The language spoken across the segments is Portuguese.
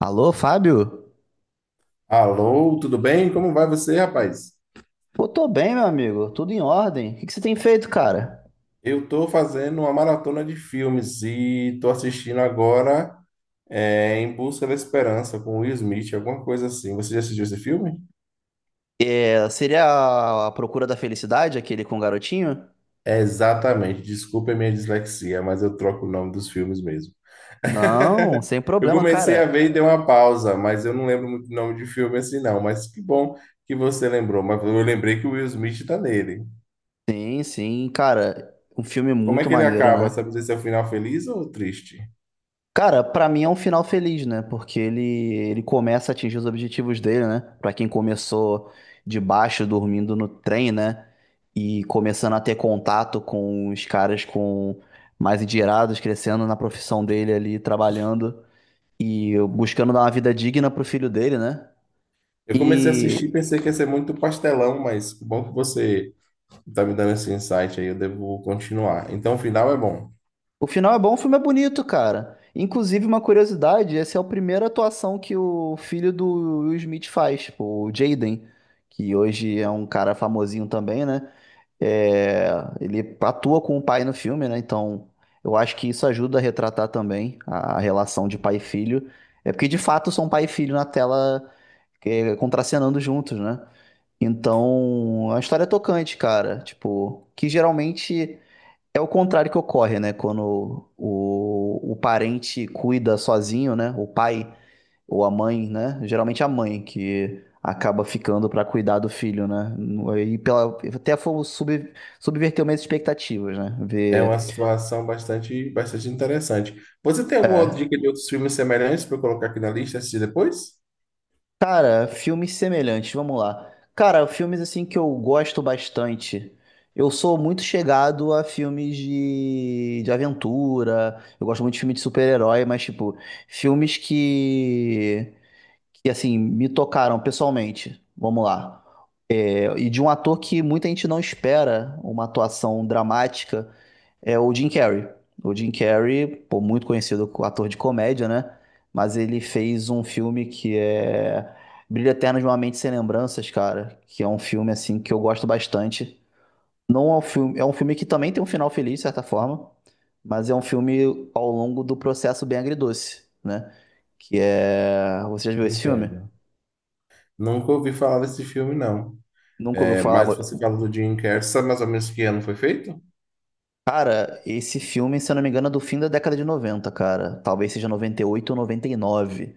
Alô, Fábio? Alô, tudo bem? Como vai você, rapaz? Pô, tô bem, meu amigo. Tudo em ordem. O que que você tem feito, cara? Eu tô fazendo uma maratona de filmes e tô assistindo agora Em Busca da Esperança com Will Smith, alguma coisa assim. Você já assistiu esse filme? É, seria a Procura da Felicidade, aquele com o garotinho? É, exatamente. Desculpa a minha dislexia, mas eu troco o nome dos filmes mesmo. Não, sem Eu problema, comecei a cara. ver e dei uma pausa, mas eu não lembro muito o nome de filme assim não. Mas que bom que você lembrou. Mas eu lembrei que o Will Smith tá nele. Sim, sim, cara. Um filme Como é muito que ele maneiro, acaba? né? Sabe dizer se é o final feliz ou triste? Cara, pra mim é um final feliz, né? Porque ele começa a atingir os objetivos dele, né? Pra quem começou de baixo, dormindo no trem, né? E começando a ter contato com os caras com mais endinheirados, crescendo na profissão dele ali, trabalhando e buscando dar uma vida digna pro filho dele, né? Eu comecei a assistir e E pensei que ia ser muito pastelão, mas que bom que você está me dando esse insight aí, eu devo continuar. Então, o final é bom. O final é bom, o filme é bonito, cara. Inclusive, uma curiosidade, essa é a primeira atuação que o filho do Will Smith faz, tipo, o Jaden, que hoje é um cara famosinho também, né? É, ele atua com o pai no filme, né? Então, eu acho que isso ajuda a retratar também a relação de pai e filho. É porque, de fato, são pai e filho na tela, é, contracenando juntos, né? Então, a história é tocante, cara. Tipo, que geralmente... é o contrário que ocorre, né? Quando o parente cuida sozinho, né? O pai ou a mãe, né? Geralmente a mãe que acaba ficando para cuidar do filho, né? E pela, até foi sub, subverter minhas expectativas, né? É uma Ver. situação bastante, bastante interessante. Você tem alguma outra dica de outros filmes semelhantes para eu colocar aqui na lista e assistir depois? Cara, filmes semelhantes, vamos lá. Cara, filmes assim que eu gosto bastante. Eu sou muito chegado a filmes de aventura. Eu gosto muito de filme de super-herói, mas, tipo, filmes que assim me tocaram pessoalmente. Vamos lá. É, e de um ator que muita gente não espera uma atuação dramática é o Jim Carrey. O Jim Carrey, pô, muito conhecido como ator de comédia, né? Mas ele fez um filme que é Brilho Eterno de uma Mente Sem Lembranças, cara, que é um filme assim que eu gosto bastante. Não é um filme, é um filme que também tem um final feliz, de certa forma, mas é um filme ao longo do processo bem agridoce, né? Que é, você já viu esse filme? Entendo. Nunca ouvi falar desse filme, não. Nunca ouviu É, falar. mas você fala do Jim Carrey, sabe mais ou menos que ano foi feito? Cara, esse filme, se eu não me engano, é do fim da década de 90, cara. Talvez seja 98 ou 99.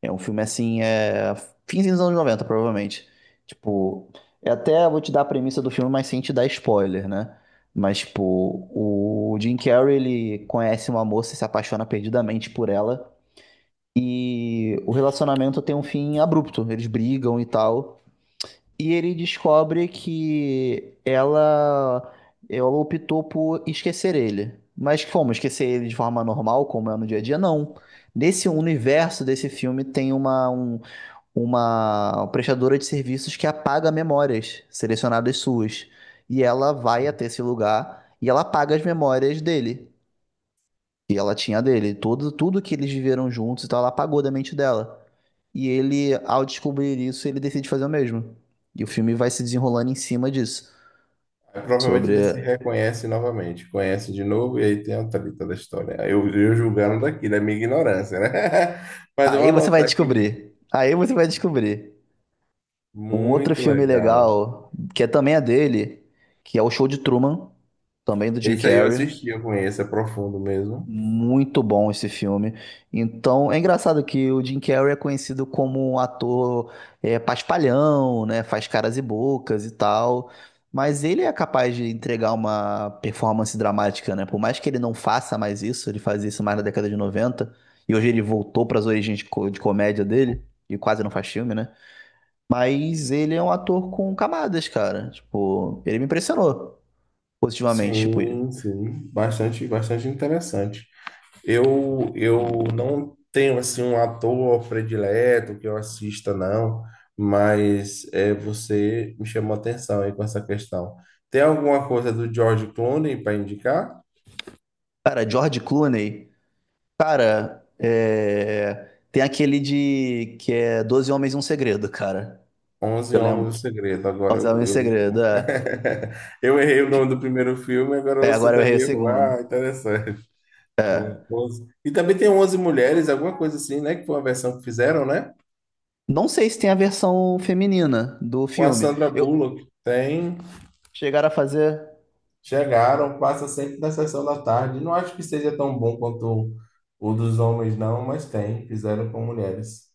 É um filme assim, é. Fins dos anos 90 provavelmente. Tipo, é até vou te dar a premissa do filme, mas sem te dar spoiler, né? Mas, tipo, o Jim Carrey, ele conhece uma moça e se apaixona perdidamente por ela. E o relacionamento tem um fim abrupto. Eles brigam e tal. E ele descobre que ela optou por esquecer ele. Mas como? Esquecer ele de forma normal, como é no dia a dia? Não. Nesse universo desse filme tem uma prestadora de serviços que apaga memórias selecionadas suas. E ela vai até esse lugar e ela apaga as memórias dele. E ela tinha a dele. Tudo, tudo que eles viveram juntos e tal, ela apagou da mente dela. E ele, ao descobrir isso, ele decide fazer o mesmo. E o filme vai se desenrolando em cima disso. Aí, provavelmente ele se Sobre. reconhece novamente, conhece de novo e aí tem a treta da história. Aí eu julgando daqui, da minha ignorância, né? Mas eu vou Aí você vai anotar aqui, descobrir. Aí você vai descobrir. Um outro muito filme legal. legal, que é também é dele, que é o Show de Truman, também do Jim Esse aí eu Carrey. assisti, eu conheço, é profundo mesmo. Muito bom esse filme. Então, é engraçado que o Jim Carrey é conhecido como um ator é, paspalhão, né? Faz caras e bocas e tal. Mas ele é capaz de entregar uma performance dramática, né? Por mais que ele não faça mais isso, ele fazia isso mais na década de 90, e hoje ele voltou para as origens de comédia dele, e quase não faz filme, né? Mas ele é um ator com camadas, cara. Tipo, ele me impressionou positivamente. Tipo, Sim, sim, bastante, bastante interessante. Eu não tenho assim um ator predileto que eu assista, não, mas é, você me chamou a atenção aí com essa questão. Tem alguma coisa do George Clooney para indicar? cara, George Clooney. Cara, é, tem aquele de que é Doze Homens e um Segredo, cara. Onze Eu Homens lembro do que Segredo. Agora Doze Homens e um Segredo, é. eu errei o Fi- nome do primeiro filme, agora É, você agora eu errei o também errou. segundo. Ah, É. 11. E também tem 11 mulheres, alguma coisa assim, né? Que foi uma versão que fizeram, né? Não sei se tem a versão feminina do Com a filme. Sandra Eu Bullock. Tem. chegaram a fazer. Chegaram, passa sempre na sessão da tarde. Não acho que seja tão bom quanto o dos homens, não, mas tem. Fizeram com mulheres.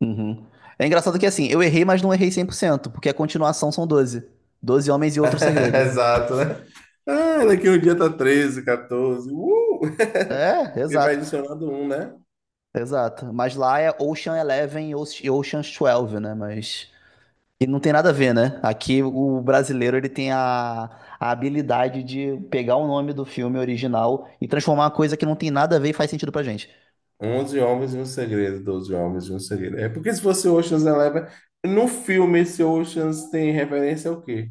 Uhum. É engraçado que assim, eu errei, mas não errei 100%, porque a continuação são 12. Doze Homens e Outro Segredo. Exato, né? Ah, daqui um dia tá 13 14. É, E vai exato, adicionando um, né? exato. Mas lá é Ocean's Eleven e Ocean's 12, né? Mas e não tem nada a ver, né? Aqui o brasileiro ele tem a habilidade de pegar o nome do filme original e transformar uma coisa que não tem nada a ver e faz sentido pra gente. Onze homens e um segredo, 12 homens e um segredo. É porque se fosse Ocean's Eleven, no filme esse Ocean's tem referência ao quê?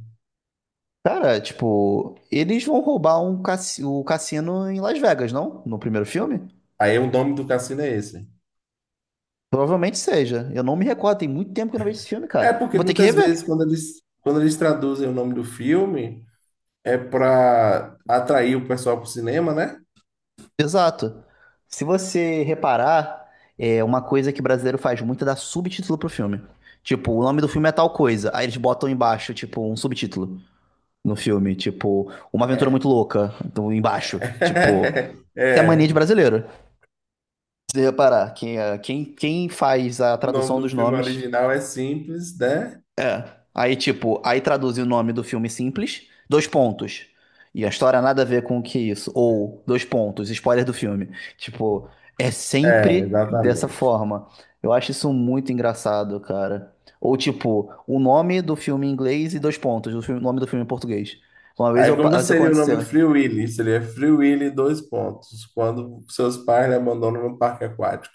Cara, tipo, eles vão roubar um o cassino em Las Vegas, não? No primeiro filme? Aí o nome do cassino é esse. Provavelmente seja. Eu não me recordo, tem muito tempo que eu não vejo esse filme, É cara. Eu porque vou ter que muitas rever. vezes quando eles traduzem o nome do filme é para atrair o pessoal para o cinema, né? Exato. Se você reparar, é uma coisa que brasileiro faz muito é dar subtítulo pro filme. Tipo, o nome do filme é tal coisa. Aí eles botam embaixo, tipo, um subtítulo. No filme. Tipo, Uma Aventura Muito Louca, do, embaixo. Tipo, isso é a mania É, de brasileiro. Se você reparar, quem faz a o nome tradução do dos filme nomes original é simples, né? é. Aí, tipo, aí traduz o nome do filme simples, dois pontos. E a história nada a ver com o que é isso. Ou, dois pontos, spoiler do filme. Tipo, é É, sempre dessa exatamente. forma. Eu acho isso muito engraçado, cara. Ou, tipo, o nome do filme em inglês e dois pontos, o filme- o nome do filme em português. Uma vez Aí como isso seria o nome aconteceu. Free Willy? Seria Free Willy dois pontos, quando seus pais lhe abandonam no parque aquático.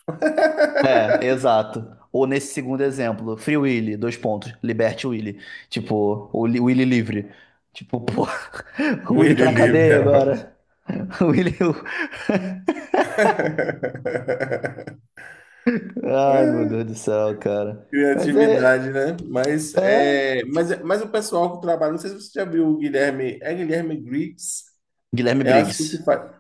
É, exato. Ou nesse segundo exemplo, Free Willy, dois pontos, liberte o Willy. Tipo, o o Willy livre. Tipo, pô, o Willy tá Willy na livre cadeia é ótimo. agora. O Willy. Ai, meu Deus do céu, cara. Mas é. Criatividade, né? Mas, É. é, mas, mas o pessoal que trabalha, não sei se você já viu o Guilherme, é Guilherme Briggs, Guilherme eu acho que o Briggs. que faz,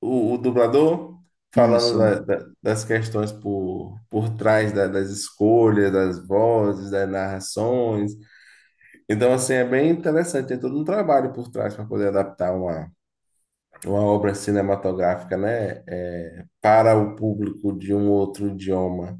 o dublador falando Isso. das questões por trás das escolhas, das vozes, das narrações. Então, assim, é bem interessante, tem todo um trabalho por trás para poder adaptar uma obra cinematográfica, né? É, para o público de um outro idioma.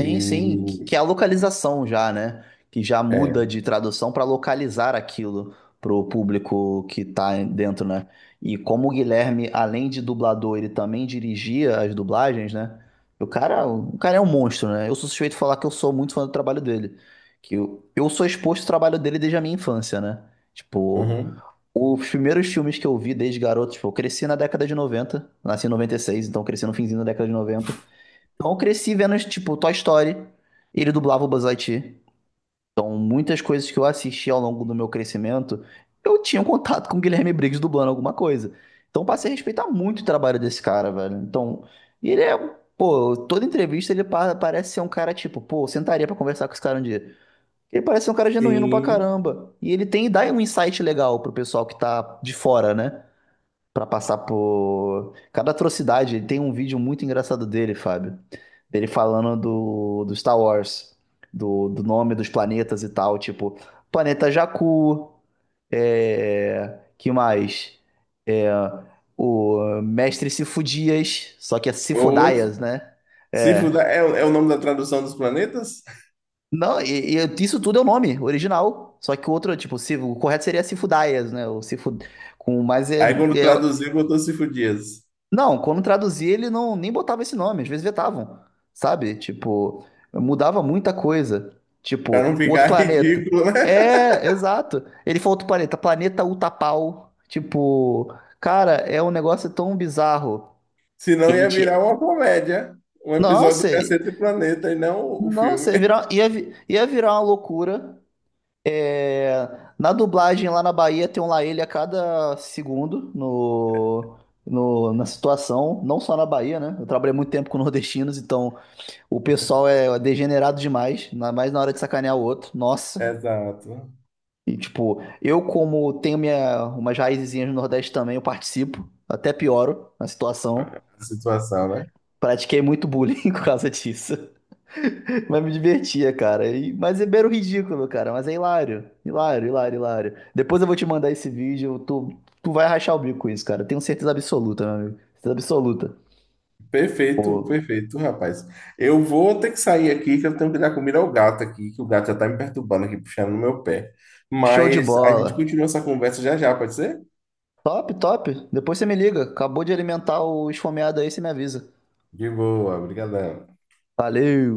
Sim, sim, que é a localização já, né? Que já muda de tradução para localizar aquilo pro público que tá dentro, né? E como o Guilherme, além de dublador, ele também dirigia as dublagens, né? O cara é um monstro, né? Eu sou suspeito de falar que eu sou muito fã do trabalho dele. Que eu sou exposto ao trabalho dele desde a minha infância, né? Tipo, uhum, os primeiros filmes que eu vi desde garoto, tipo, eu cresci na década de 90. Nasci em 96, então cresci no finzinho da década de 90. Então eu cresci vendo, tipo, Toy Story. Ele dublava o Buzz Lightyear. Então muitas coisas que eu assisti ao longo do meu crescimento, eu tinha um contato com o Guilherme Briggs dublando alguma coisa. Então eu passei a respeitar muito o trabalho desse cara, velho. Então, e ele é, um, pô, toda entrevista ele parece ser um cara tipo, pô, eu sentaria pra conversar com esse cara um dia. Ele parece ser um cara genuíno pra sim. caramba. E ele tem, dá um insight legal pro pessoal que tá de fora, né? Pra passar por cada atrocidade. Ele tem um vídeo muito engraçado dele, Fábio. Dele falando do Star Wars, do nome dos planetas e tal, tipo, planeta Jakku, é, que mais? É, o Mestre Sifudias, só que é Ou Sifudaias, né? Sífida É. é, o- é o nome da tradução dos planetas? Não, e isso tudo é o nome original. Só que o outro, tipo, se, o correto seria Sifudaias, né? O Sifu, com, mas é, Aí quando é, traduziu, botou Sífo Dias. não, quando traduzia, ele não nem botava esse nome, às vezes vetavam, sabe? Tipo, mudava muita coisa. Pra Tipo, não o outro ficar planeta. ridículo, né? É, exato. Ele falou outro planeta, planeta Utapau. Tipo, cara, é um negócio tão bizarro. Senão Ele ia virar tinha. uma comédia. Um episódio do Nossa, Cacete Planeta e não o nossa, filme. ia virar, ia, ia virar uma loucura. É, na dublagem lá na Bahia tem um lá ele a cada segundo na situação, não só na Bahia, né? Eu trabalhei muito tempo com nordestinos, então o pessoal é degenerado demais, ainda mais na hora de sacanear o outro. Nossa. Exato. E tipo, eu como tenho minha, umas raizinhas no Nordeste também, eu participo, até pioro na situação. A situação, né? Pratiquei muito bullying por causa disso. Mas me divertia, cara. Mas é mero ridículo, cara. Mas é hilário. Hilário, hilário, hilário. Depois eu vou te mandar esse vídeo. Tu, tu vai rachar o bico com isso, cara. Tenho certeza absoluta, meu amigo. Certeza absoluta. Perfeito, perfeito, rapaz. Eu vou ter que sair aqui, que eu tenho que dar comida ao gato aqui, que o gato já tá me perturbando aqui, puxando no meu pé. Show de Mas a gente bola. continua essa conversa já já, pode ser? Top, top. Depois você me liga. Acabou de alimentar o esfomeado aí, você me avisa. De boa, brigadão. Valeu.